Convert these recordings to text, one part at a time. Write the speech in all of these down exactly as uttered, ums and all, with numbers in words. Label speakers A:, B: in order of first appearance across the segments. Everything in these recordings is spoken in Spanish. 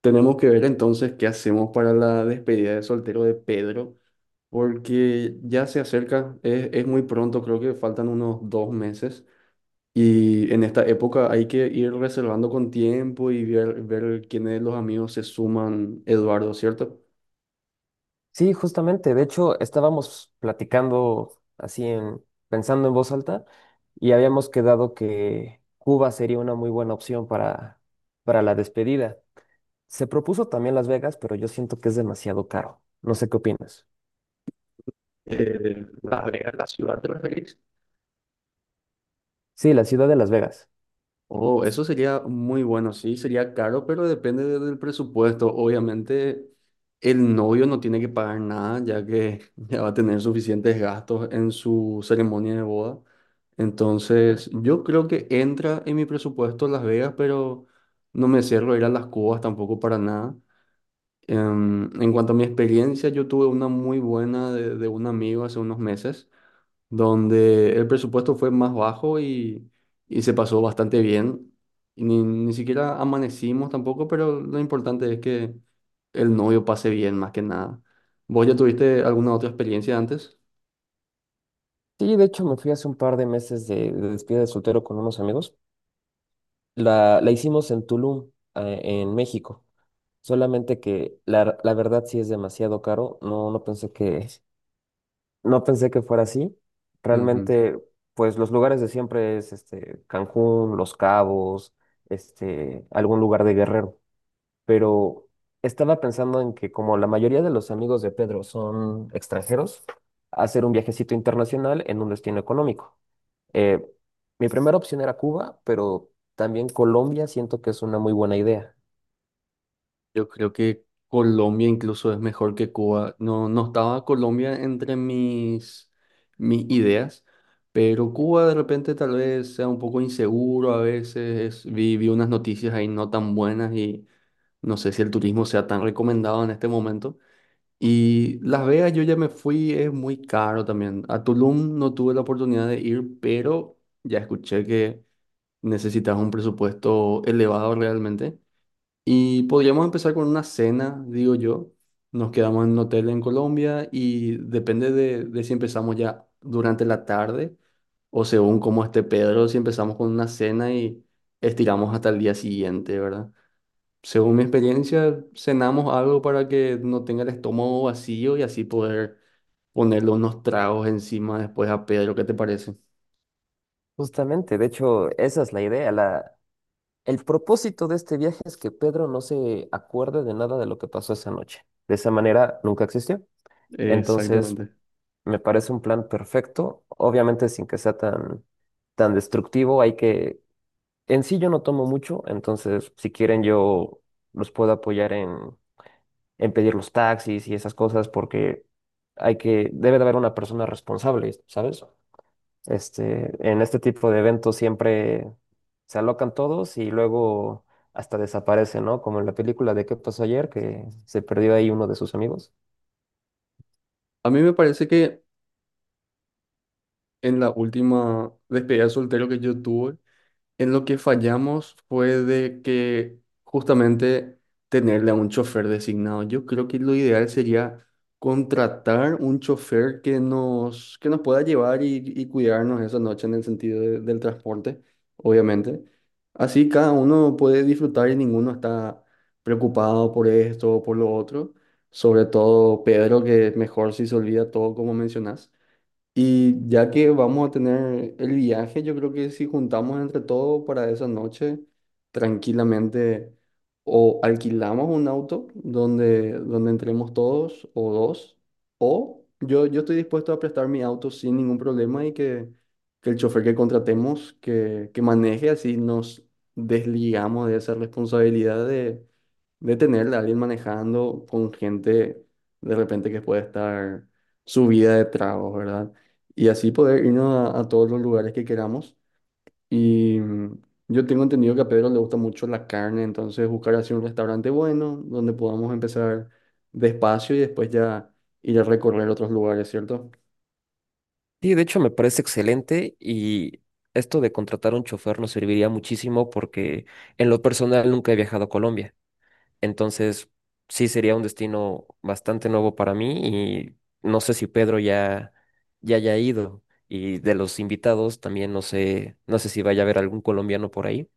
A: Tenemos que ver entonces qué hacemos para la despedida de soltero de Pedro, porque ya se acerca, es, es muy pronto, creo que faltan unos dos meses y en esta época hay que ir reservando con tiempo y ver, ver quiénes de los amigos se suman, Eduardo, ¿cierto?
B: Sí, justamente. De hecho, estábamos platicando así en, pensando en voz alta y habíamos quedado que Cuba sería una muy buena opción para, para la despedida. Se propuso también Las Vegas, pero yo siento que es demasiado caro. No sé qué opinas.
A: Eh, Las Vegas, la ciudad, ¿te referís?
B: Sí, la ciudad de Las Vegas.
A: Oh, eso sería muy bueno, sí, sería caro, pero depende de- del presupuesto. Obviamente, el novio no tiene que pagar nada, ya que ya va a tener suficientes gastos en su ceremonia de boda. Entonces, yo creo que entra en mi presupuesto Las Vegas, pero no me cierro a ir a las Cubas tampoco para nada. Em, en cuanto a mi experiencia, yo tuve una muy buena de, de un amigo hace unos meses donde el presupuesto fue más bajo y, y se pasó bastante bien. Y ni, ni siquiera amanecimos tampoco, pero lo importante es que el novio pase bien, más que nada. ¿Vos ya tuviste alguna otra experiencia antes?
B: Sí, de hecho me fui hace un par de meses de, de despedida de soltero con unos amigos. La, la hicimos en Tulum, eh, en México. Solamente que la, la verdad sí es demasiado caro. No, no pensé que No pensé que fuera así.
A: Ujú.
B: Realmente, pues los lugares de siempre es este Cancún, Los Cabos, este, algún lugar de Guerrero. Pero estaba pensando en que como la mayoría de los amigos de Pedro son extranjeros, hacer un viajecito internacional en un destino económico. Eh, Mi primera opción era Cuba, pero también Colombia siento que es una muy buena idea.
A: Yo creo que Colombia incluso es mejor que Cuba. No, no estaba Colombia entre mis, mis ideas, pero Cuba de repente tal vez sea un poco inseguro a veces. Vi, vi unas noticias ahí no tan buenas y no sé si el turismo sea tan recomendado en este momento. Y Las Vegas yo ya me fui, es muy caro también. A Tulum no tuve la oportunidad de ir, pero ya escuché que necesitas un presupuesto elevado realmente. Y podríamos empezar con una cena, digo yo. Nos quedamos en un hotel en Colombia y depende de, de si empezamos ya durante la tarde o según cómo esté Pedro, si empezamos con una cena y estiramos hasta el día siguiente, ¿verdad? Según mi experiencia, cenamos algo para que no tenga el estómago vacío y así poder ponerle unos tragos encima después a Pedro. ¿Qué te parece?
B: Justamente, de hecho, esa es la idea. La, El propósito de este viaje es que Pedro no se acuerde de nada de lo que pasó esa noche. De esa manera nunca existió. Entonces,
A: Exactamente.
B: me parece un plan perfecto, obviamente sin que sea tan, tan destructivo. Hay que, en sí yo no tomo mucho, entonces si quieren yo los puedo apoyar en, en pedir los taxis y esas cosas porque hay que, debe de haber una persona responsable, ¿sabes? Este, en este tipo de eventos siempre se alocan todos y luego hasta desaparecen, ¿no? Como en la película de ¿Qué pasó ayer? Que se perdió ahí uno de sus amigos.
A: A mí me parece que en la última despedida de soltero que yo tuve, en lo que fallamos fue de que justamente tenerle a un chofer designado. Yo creo que lo ideal sería contratar un chofer que nos, que nos pueda llevar y, y cuidarnos esa noche en el sentido de- del transporte, obviamente. Así cada uno puede disfrutar y ninguno está preocupado por esto o por lo otro. Sobre todo Pedro, que mejor si se olvida todo como mencionas. Y ya que vamos a tener el viaje, yo creo que si juntamos entre todos para esa noche, tranquilamente o alquilamos un auto donde, donde entremos todos o dos, o yo, yo estoy dispuesto a prestar mi auto sin ningún problema y que, que el chofer que contratemos que, que maneje, así nos desligamos de esa responsabilidad de, de tener a alguien manejando con gente de repente que puede estar subida de tragos, ¿verdad? Y así poder irnos a, a todos los lugares que queramos. Y mm, yo tengo entendido que a Pedro le gusta mucho la carne, entonces buscar así un restaurante bueno donde podamos empezar despacio y después ya ir a recorrer otros lugares, ¿cierto?
B: Sí, de hecho me parece excelente y esto de contratar un chofer nos serviría muchísimo porque en lo personal nunca he viajado a Colombia. Entonces, sí sería un destino bastante nuevo para mí y no sé si Pedro ya, ya haya ido. Y de los invitados también no sé, no sé si vaya a haber algún colombiano por ahí.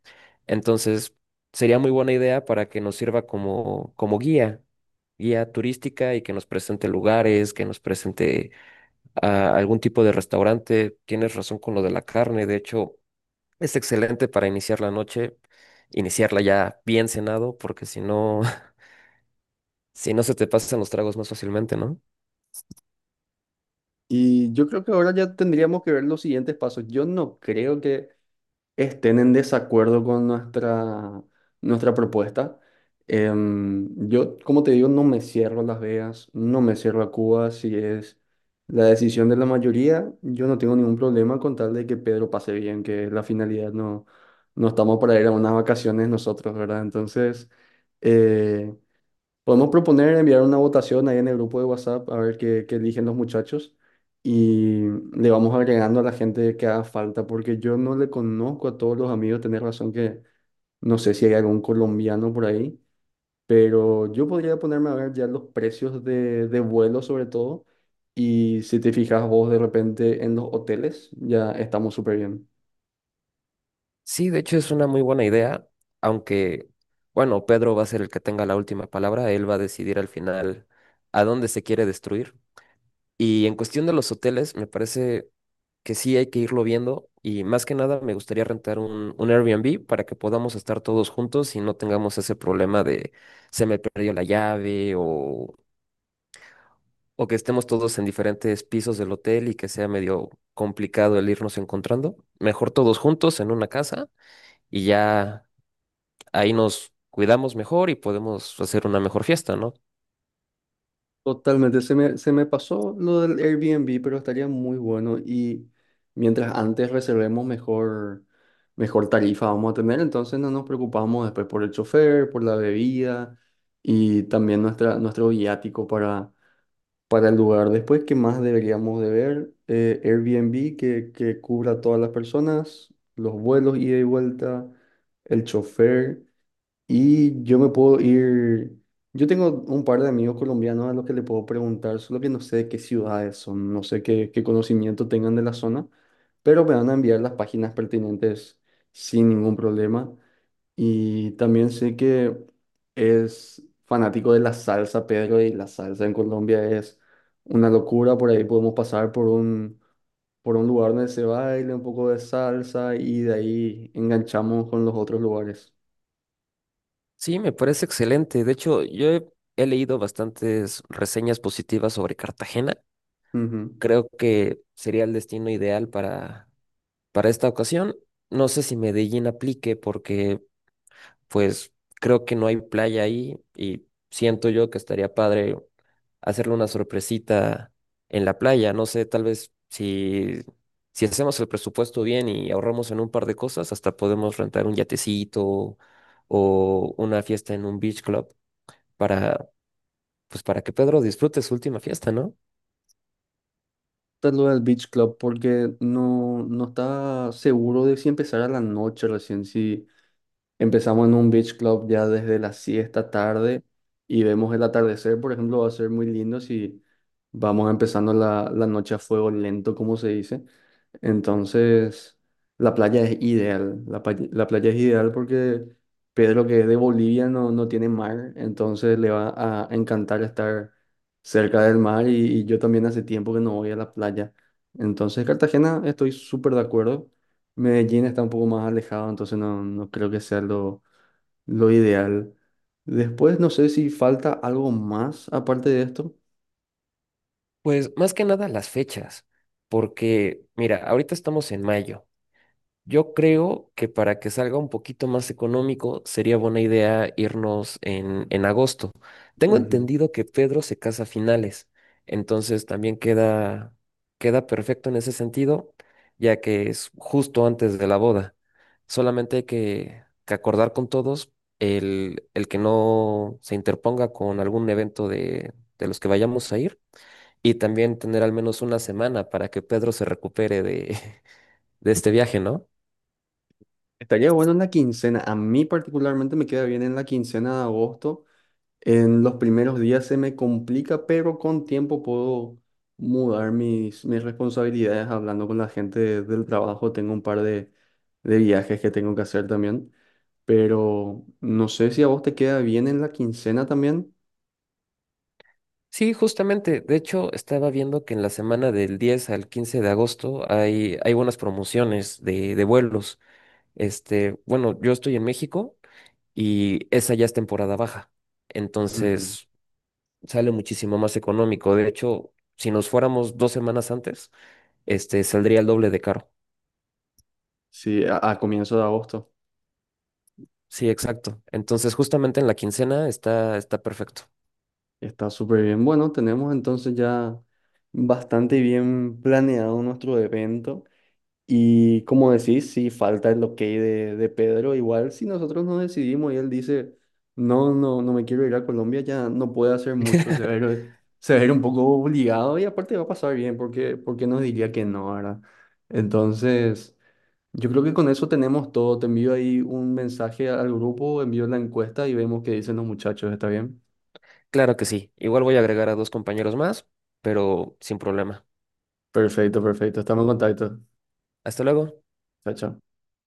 B: Entonces, sería muy buena idea para que nos sirva como, como guía, guía turística y que nos presente lugares, que nos presente ah, algún tipo de restaurante. Tienes razón con lo de la carne, de hecho, es excelente para iniciar la noche, iniciarla ya bien cenado, porque si no... Si no se te pasan los tragos más fácilmente, ¿no?
A: Y yo creo que ahora ya tendríamos que ver los siguientes pasos. Yo no creo que estén en desacuerdo con nuestra, nuestra propuesta. Em, yo, como te digo, no me cierro a Las Vegas, no me cierro a Cuba, si es la decisión de la mayoría, yo no tengo ningún problema con tal de que Pedro pase bien, que es la finalidad, no, no estamos para ir a unas vacaciones nosotros, ¿verdad? Entonces, eh, podemos proponer enviar una votación ahí en el grupo de WhatsApp a ver qué, qué eligen los muchachos y le vamos agregando a la gente que haga falta, porque yo no le conozco a todos los amigos, tenés razón que no sé si hay algún colombiano por ahí, pero yo podría ponerme a ver ya los precios de, de vuelo sobre todo y si te fijas vos de repente en los hoteles, ya estamos súper bien.
B: Sí, de hecho es una muy buena idea, aunque, bueno, Pedro va a ser el que tenga la última palabra, él va a decidir al final a dónde se quiere destruir. Y en cuestión de los hoteles, me parece que sí hay que irlo viendo y más que nada me gustaría rentar un, un Airbnb para que podamos estar todos juntos y no tengamos ese problema de se me perdió la llave o o que estemos todos en diferentes pisos del hotel y que sea medio complicado el irnos encontrando. Mejor todos juntos en una casa y ya ahí nos cuidamos mejor y podemos hacer una mejor fiesta, ¿no?
A: Totalmente, se me, se me pasó lo del Airbnb, pero estaría muy bueno y mientras antes reservemos mejor, mejor tarifa vamos a tener, entonces no nos preocupamos después por el chofer, por la bebida y también nuestra, nuestro viático para, para el lugar. Después, ¿qué más deberíamos de ver? Eh, Airbnb que, que cubra a todas las personas, los vuelos ida y vuelta, el chofer. Y yo me puedo ir, yo tengo un par de amigos colombianos a los que le puedo preguntar, solo que no sé de qué ciudades son, no sé qué, qué conocimiento tengan de la zona, pero me van a enviar las páginas pertinentes sin ningún problema. Y también sé que es fanático de la salsa, Pedro, y la salsa en Colombia es una locura, por ahí podemos pasar por un, por un lugar donde se baile un poco de salsa y de ahí enganchamos con los otros lugares.
B: Sí, me parece excelente. De hecho, yo he, he leído bastantes reseñas positivas sobre Cartagena.
A: Ujú.
B: Creo que sería el destino ideal para, para esta ocasión. No sé si Medellín aplique porque pues creo que no hay playa ahí y siento yo que estaría padre hacerle una sorpresita en la playa. No sé, tal vez si, si hacemos el presupuesto bien y ahorramos en un par de cosas, hasta podemos rentar un yatecito o una fiesta en un beach club para, pues, para que Pedro disfrute su última fiesta, ¿no?
A: Tal lo del Beach Club porque no, no estaba seguro de si empezar a la noche recién, si empezamos en un beach club ya desde las siesta tarde y vemos el atardecer, por ejemplo, va a ser muy lindo si vamos empezando la, la noche a fuego lento, como se dice. Entonces, la playa es ideal. La, pa- la playa es ideal porque Pedro, que es de Bolivia, no, no tiene mar, entonces le va a encantar estar cerca del mar y, y yo también hace tiempo que no voy a la playa. Entonces, Cartagena, estoy súper de acuerdo. Medellín está un poco más alejado, entonces no, no creo que sea lo, lo ideal. Después no sé si falta algo más aparte de esto.
B: Pues más que nada las fechas, porque mira, ahorita estamos en mayo. Yo creo que para que salga un poquito más económico sería buena idea irnos en, en agosto. Tengo
A: Ujú.
B: entendido que Pedro se casa a finales, entonces también queda, queda perfecto en ese sentido, ya que es justo antes de la boda. Solamente hay que, que acordar con todos el, el que no se interponga con algún evento de, de los que vayamos a ir y también tener al menos una semana para que Pedro se recupere de, de este viaje, ¿no?
A: Estaría bueno en la quincena. A mí particularmente me queda bien en la quincena de agosto. En los primeros días se me complica, pero con tiempo puedo mudar mis, mis responsabilidades hablando con la gente de- del trabajo. Tengo un par de, de viajes que tengo que hacer también, pero no sé si a vos te queda bien en la quincena también.
B: Sí, justamente. De hecho, estaba viendo que en la semana del diez al quince de agosto hay, hay buenas promociones de, de vuelos. Este, bueno, yo estoy en México y esa ya es temporada baja.
A: Ujú.
B: Entonces, sale muchísimo más económico. De hecho, si nos fuéramos dos semanas antes, este, saldría el doble de caro.
A: Sí, a, a comienzo de agosto.
B: Sí, exacto. Entonces, justamente en la quincena está, está perfecto.
A: Está súper bien. Bueno, tenemos entonces ya bastante bien planeado nuestro evento. Y como decís, sí, falta el ok de, de Pedro. Igual, si nosotros no decidimos y él dice, no, no, no me quiero ir a Colombia, ya no puede hacer mucho. Se va a ir, se va a ir un poco obligado y aparte va a pasar bien porque, porque nos diría que no, ¿verdad? Entonces... Yo creo que con eso tenemos todo. Te envío ahí un mensaje al grupo, envío la encuesta y vemos qué dicen los muchachos. ¿Está bien?
B: Claro que sí. Igual voy a agregar a dos compañeros más, pero sin problema.
A: Perfecto, perfecto. Estamos en contacto.
B: Hasta luego.
A: Chao, chao.